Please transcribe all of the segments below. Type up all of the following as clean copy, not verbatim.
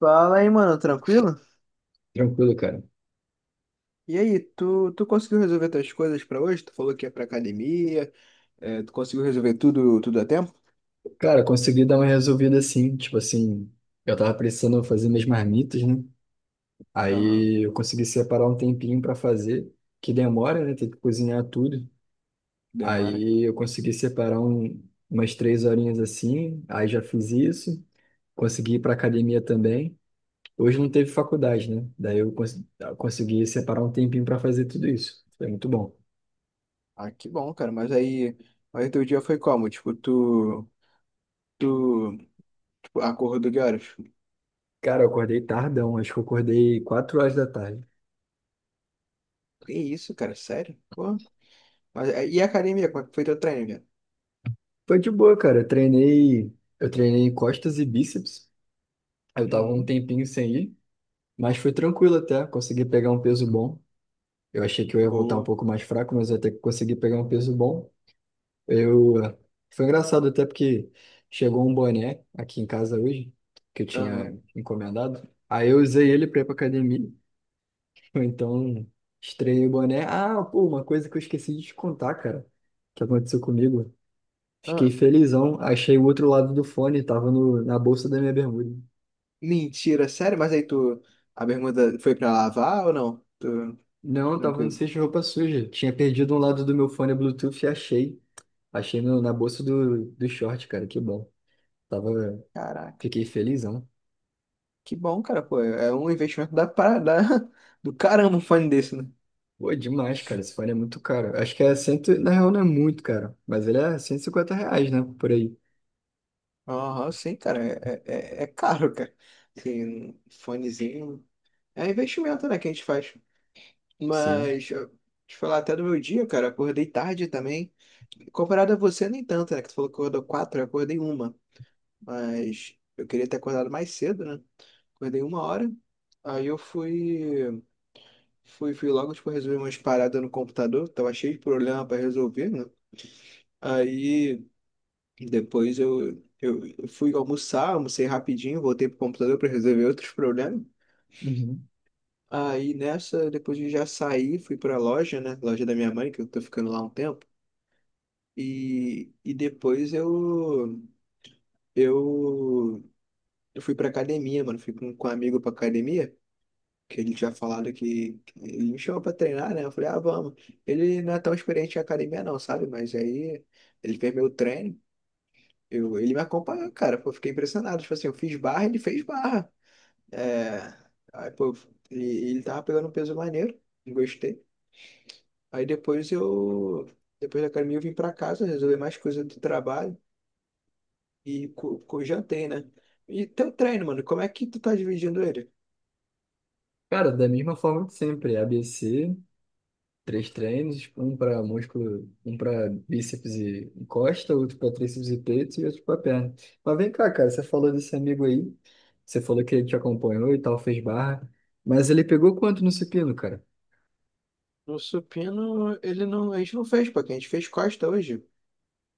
Fala aí, mano, tranquilo? Tranquilo, cara. E aí, tu conseguiu resolver tuas coisas pra hoje? Tu falou que ia pra academia, é, tu conseguiu resolver tudo, tudo a tempo? Cara, consegui dar uma resolvida assim, tipo assim, eu tava precisando fazer minhas marmitas, né? Aham, Aí eu consegui separar um tempinho pra fazer, que demora, né? Tem que cozinhar tudo. demora. Aí eu consegui separar umas três horinhas assim, aí já fiz isso, consegui ir pra academia também. Hoje não teve faculdade, né? Daí eu consegui separar um tempinho pra fazer tudo isso. Foi muito bom. Ah, que bom, cara, mas aí teu dia foi como? Tipo, tu, acordou de horas? Cara, eu acordei tardão, acho que eu acordei 4 horas da tarde. Que isso, cara, sério? Pô, mas, é, e a academia, como é que foi teu treino, velho. Foi de boa, cara. Eu treinei costas e bíceps. Eu tava um Uhum. tempinho sem ir, mas foi tranquilo até. Consegui pegar um peso bom. Eu achei que eu ia voltar um Boa. pouco mais fraco, mas até que consegui pegar um peso bom. Eu foi engraçado até porque chegou um boné aqui em casa hoje que eu tinha Aham, encomendado. Aí eu usei ele para ir pra academia. Então, estreiei o boné. Ah, pô, uma coisa que eu esqueci de te contar, cara, que aconteceu comigo. Fiquei ah, felizão. Achei o outro lado do fone, tava no, na bolsa da minha bermuda. mentira, sério? Mas aí tu, a bermuda foi pra lavar ou não? Tu, Não, tava no tranquilo. cesto de roupa suja. Tinha perdido um lado do meu fone Bluetooth e achei. Achei na bolsa do short, cara, que bom. Tava, Caraca. fiquei felizão. Que bom, cara, pô. É um investimento da, para- da, do caramba um fone desse, né? Pô, demais, cara. Esse fone é muito caro. Acho que é cento, na real não é muito, cara. Mas ele é R$ 150, né? Por aí. Aham, sim, cara. É caro, cara. Assim, um fonezinho. É investimento, né, que a gente faz. Sim. Mas, te falar até do meu dia, cara. Acordei tarde também. Comparado a você, nem tanto, né? Que tu falou que acordou quatro, eu acordei uma. Mas eu queria ter acordado mais cedo, né? Acordei uma hora. Aí eu fui logo, tipo, resolver umas paradas no computador. Tava cheio de problema pra resolver, né? Aí. Depois eu fui almoçar, almocei rapidinho, voltei pro computador para resolver outros problemas. Uhum. Aí nessa, depois de já sair fui pra loja, né? Loja da minha mãe, que eu tô ficando lá um tempo. E depois eu, eu fui pra academia, mano. Fui com um amigo pra academia, que ele tinha falado que ele me chamou pra treinar, né? Eu falei, ah, vamos. Ele não é tão experiente em academia, não, sabe? Mas aí ele fez meu treino. Ele me acompanhou, cara. Pô, eu fiquei impressionado. Tipo assim, eu fiz barra, ele fez barra. É, aí, pô, e ele tava pegando um peso maneiro, gostei. Aí depois depois da academia eu vim pra casa, resolver mais coisas do trabalho e jantei, né? E teu treino, mano, como é que tu tá dividindo ele? Cara, da mesma forma que sempre. ABC. Três treinos, tipo, um para músculo, um para bíceps e costa, outro para tríceps e peito e outro para perna. Mas vem cá, cara, você falou desse amigo aí, você falou que ele te acompanhou e tal, fez barra, mas ele pegou quanto no supino, cara? No supino, ele não, a gente não fez, pô, que a gente fez costa hoje,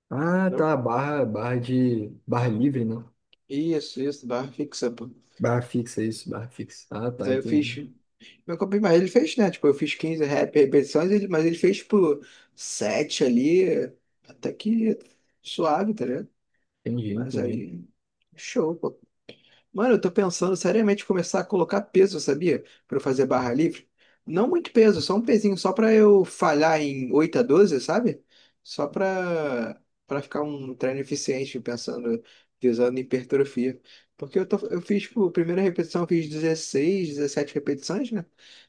Ah, não? tá, barra livre, né? Isso, barra fixa, pô. Barra fixa, isso, barra fixa. Ah, Mas tá, aí eu entendi, fiz, meu corpo, mas ele fez, né? Tipo, eu fiz 15 repetições, mas ele fez, tipo, 7 ali, até que suave, tá ligado? entendi, Mas entendi. aí, show, pô. Mano, eu tô pensando seriamente em começar a colocar peso, sabia? Pra eu fazer barra livre. Não muito peso, só um pezinho, só pra eu falhar em 8 a 12, sabe? Só pra ficar um treino eficiente, pensando, visando hipertrofia. Porque eu, tô, eu fiz, tipo, a primeira repetição, eu fiz 16 17 repetições, né?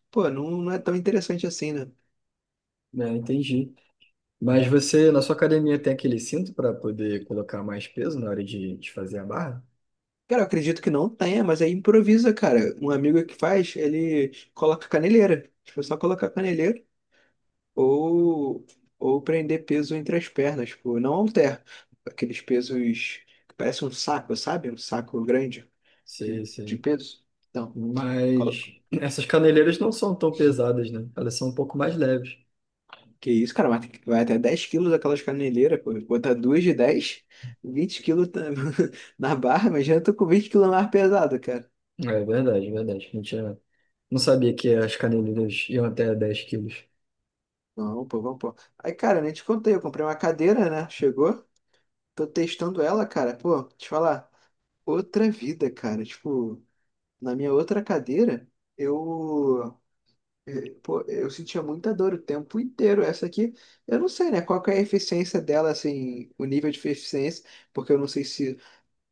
Pô, não, não é tão interessante assim, né? É, entendi. Mas você, na sua academia, tem aquele cinto para poder colocar mais peso na hora de fazer a barra? Cara, eu acredito que não tenha, mas aí improvisa, cara. Um amigo que faz, ele coloca caneleira. Tipo, só colocar caneleira. Ou, ou prender peso entre as pernas, pô. Não halter. Aqueles pesos que parecem um saco, sabe? Um saco grande de Sim, de sim. peso. Então, colo- Mas essas caneleiras não são tão pesadas, né? Elas são um pouco mais leves. que isso, cara, mas vai até 10 quilos aquelas caneleiras, pô. Botar duas de 10, 20 quilos tá- na barra, imagina, eu tô com 20 quilos mais pesado, cara. É verdade, verdade. Não tinha. Não sabia que as caneleiras iam até 10 quilos. Não, pô, vamos, pô. Aí, cara, nem te contei, eu comprei uma cadeira, né? Chegou, tô testando ela, cara. Pô, te falar. Outra vida, cara. Tipo. Na minha outra cadeira, eu, pô, eu sentia muita dor o tempo inteiro. Essa aqui, eu não sei, né? Qual que é a eficiência dela, assim, o nível de eficiência, porque eu não sei se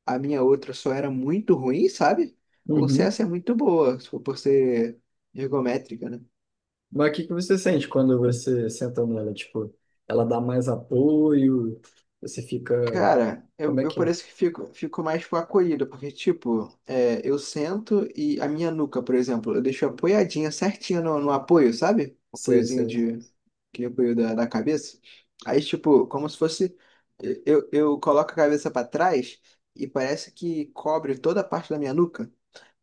a minha outra só era muito ruim, sabe? Ou se Uhum. essa é muito boa, se for por ser ergométrica, né? Mas o que que você sente quando você senta nela? Tipo, ela dá mais apoio? Você fica. Cara, Como eu, é eu que é? parece que fico mais tipo, acolhido, porque, tipo, é, eu sento e a minha nuca, por exemplo, eu deixo apoiadinha certinha no apoio, sabe? Sei, Apoiozinho sei. de. Aquele apoio da cabeça. Aí, tipo, como se fosse. Eu coloco a cabeça pra trás e parece que cobre toda a parte da minha nuca.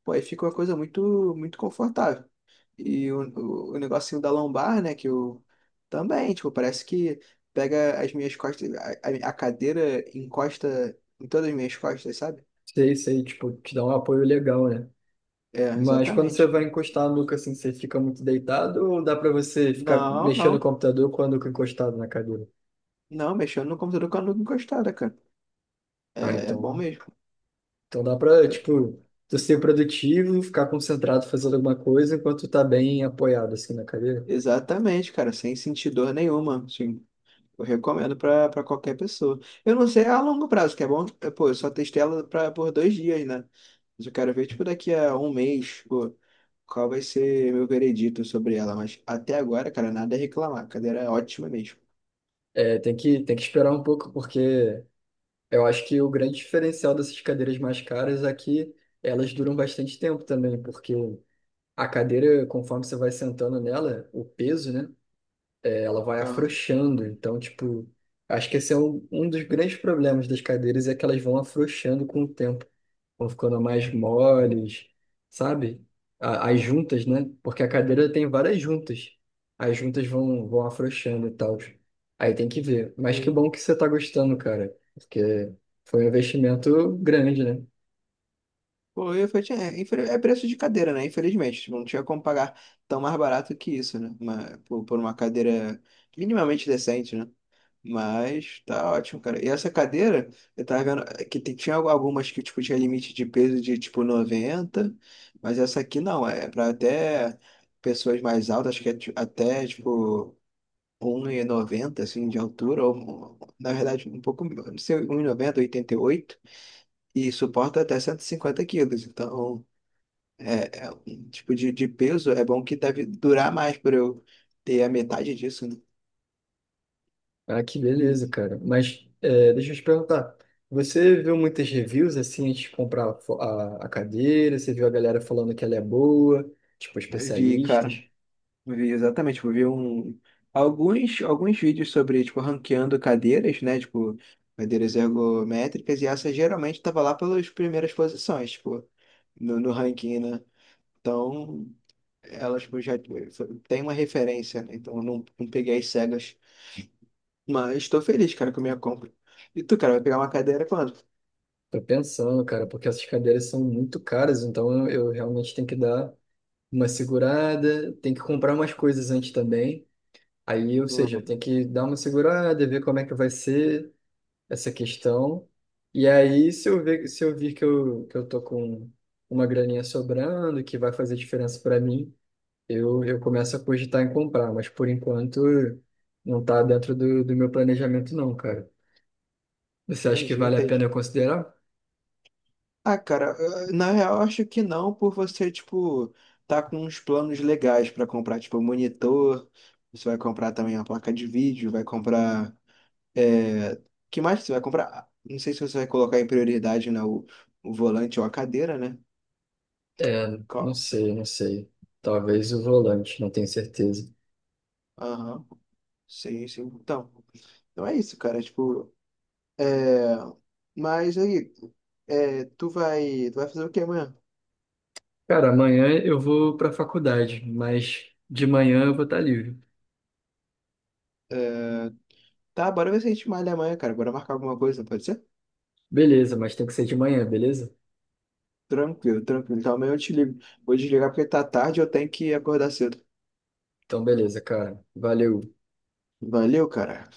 Pô, aí fica uma coisa muito, muito confortável. E o negocinho da lombar, né, que eu também, tipo, parece que pega as minhas costas, a cadeira encosta em todas as minhas costas, sabe? Sei, sei, tipo, te dá um apoio legal, né? É, Mas quando você exatamente, vai cara. encostar a nuca assim, você fica muito deitado ou dá pra você ficar Não, mexendo no não, computador com a nuca encostada na cadeira? não, mexendo no computador com a nuca encostada, cara. Ah, É bom então. mesmo. Então dá pra, tipo, tu ser produtivo, ficar concentrado fazendo alguma coisa enquanto tu tá bem apoiado, assim, na cadeira. Exatamente, cara, sem sentir dor nenhuma, assim. Eu recomendo pra qualquer pessoa. Eu não sei a longo prazo, que é bom. Pô, eu só testei ela por 2 dias, né? Mas eu quero ver, tipo, daqui a um mês, pô, qual vai ser meu veredito sobre ela. Mas até agora, cara, nada a reclamar. A cadeira é ótima mesmo. É, tem que esperar um pouco, porque eu acho que o grande diferencial dessas cadeiras mais caras é que elas duram bastante tempo também, porque a cadeira, conforme você vai sentando nela, o peso, né, é, ela vai Aham. afrouxando. Então, tipo, acho que esse é um dos grandes problemas das cadeiras, é que elas vão afrouxando com o tempo. Vão ficando mais moles, sabe? A- As juntas, né? Porque a cadeira tem várias juntas. As juntas vão, vão afrouxando e tal. Aí tem que ver. Mas que Sim. bom que você tá gostando, cara, porque foi um investimento grande, né? Pô, eu falei, é, é preço de cadeira, né? Infelizmente, tipo, não tinha como pagar tão mais barato que isso, né? Mas, por uma cadeira minimamente decente, né? Mas tá ótimo, cara. E essa cadeira, eu tava vendo é, que tinha algumas que tipo, tinha limite de peso de tipo 90. Mas essa aqui não, é pra até pessoas mais altas, acho que é até tipo 1,90 assim de altura, ou na verdade um pouco, não sei, 1,90 1,88 e suporta até 150 quilos, então. É um tipo de peso, é bom que deve durar mais para eu ter a metade disso, né? Ah, que beleza, Hum. cara. Mas é, deixa eu te perguntar. Você viu muitas reviews assim antes de comprar a cadeira? Você viu a galera falando que ela é boa? Tipo, Eu vi, cara, especialistas? eu vi exatamente, tipo, eu vi alguns vídeos sobre, tipo, ranqueando cadeiras, né? Tipo, cadeiras ergométricas, e essa geralmente tava lá pelas primeiras posições, tipo, no ranking, né? Então, elas, tipo, já tem uma referência, né? Então, eu não peguei as cegas, mas estou feliz, cara, com a minha compra. E tu, cara, vai pegar uma cadeira quando? Tô pensando, cara, porque essas cadeiras são muito caras, então eu realmente tenho que dar uma segurada, tenho que comprar umas coisas antes também. Aí, ou seja, eu Hum. tenho que dar uma segurada, ver como é que vai ser essa questão. E aí, se eu ver, se eu vir que eu tô com uma graninha sobrando, que vai fazer diferença para mim, eu começo a cogitar em comprar, mas por enquanto não tá dentro do meu planejamento, não, cara. Você acha que Entendi, vale a pena eu entendi. considerar? Ah, cara, na real, eu acho que não, por você, tipo, tá com uns planos legais pra comprar, tipo, um monitor, você vai comprar também a placa de vídeo, vai comprar. É. Que mais que você vai comprar? Ah, não sei se você vai colocar em prioridade, né, o volante ou a cadeira, né? É, não Qual? sei, não sei. Talvez o volante, não tenho certeza. Aham, sim, sim. Então é isso, cara, tipo, é. Mas aí, é, tu vai fazer o quê amanhã? Cara, amanhã eu vou pra faculdade, mas de manhã eu vou estar livre. É, tá, bora ver se a gente malha amanhã, cara, bora marcar alguma coisa, pode ser? Beleza, mas tem que ser de manhã, beleza? Tranquilo, tranquilo. Então amanhã eu te ligo. Vou desligar porque tá tarde e eu tenho que acordar cedo. Então, beleza, cara. Valeu. Valeu, cara.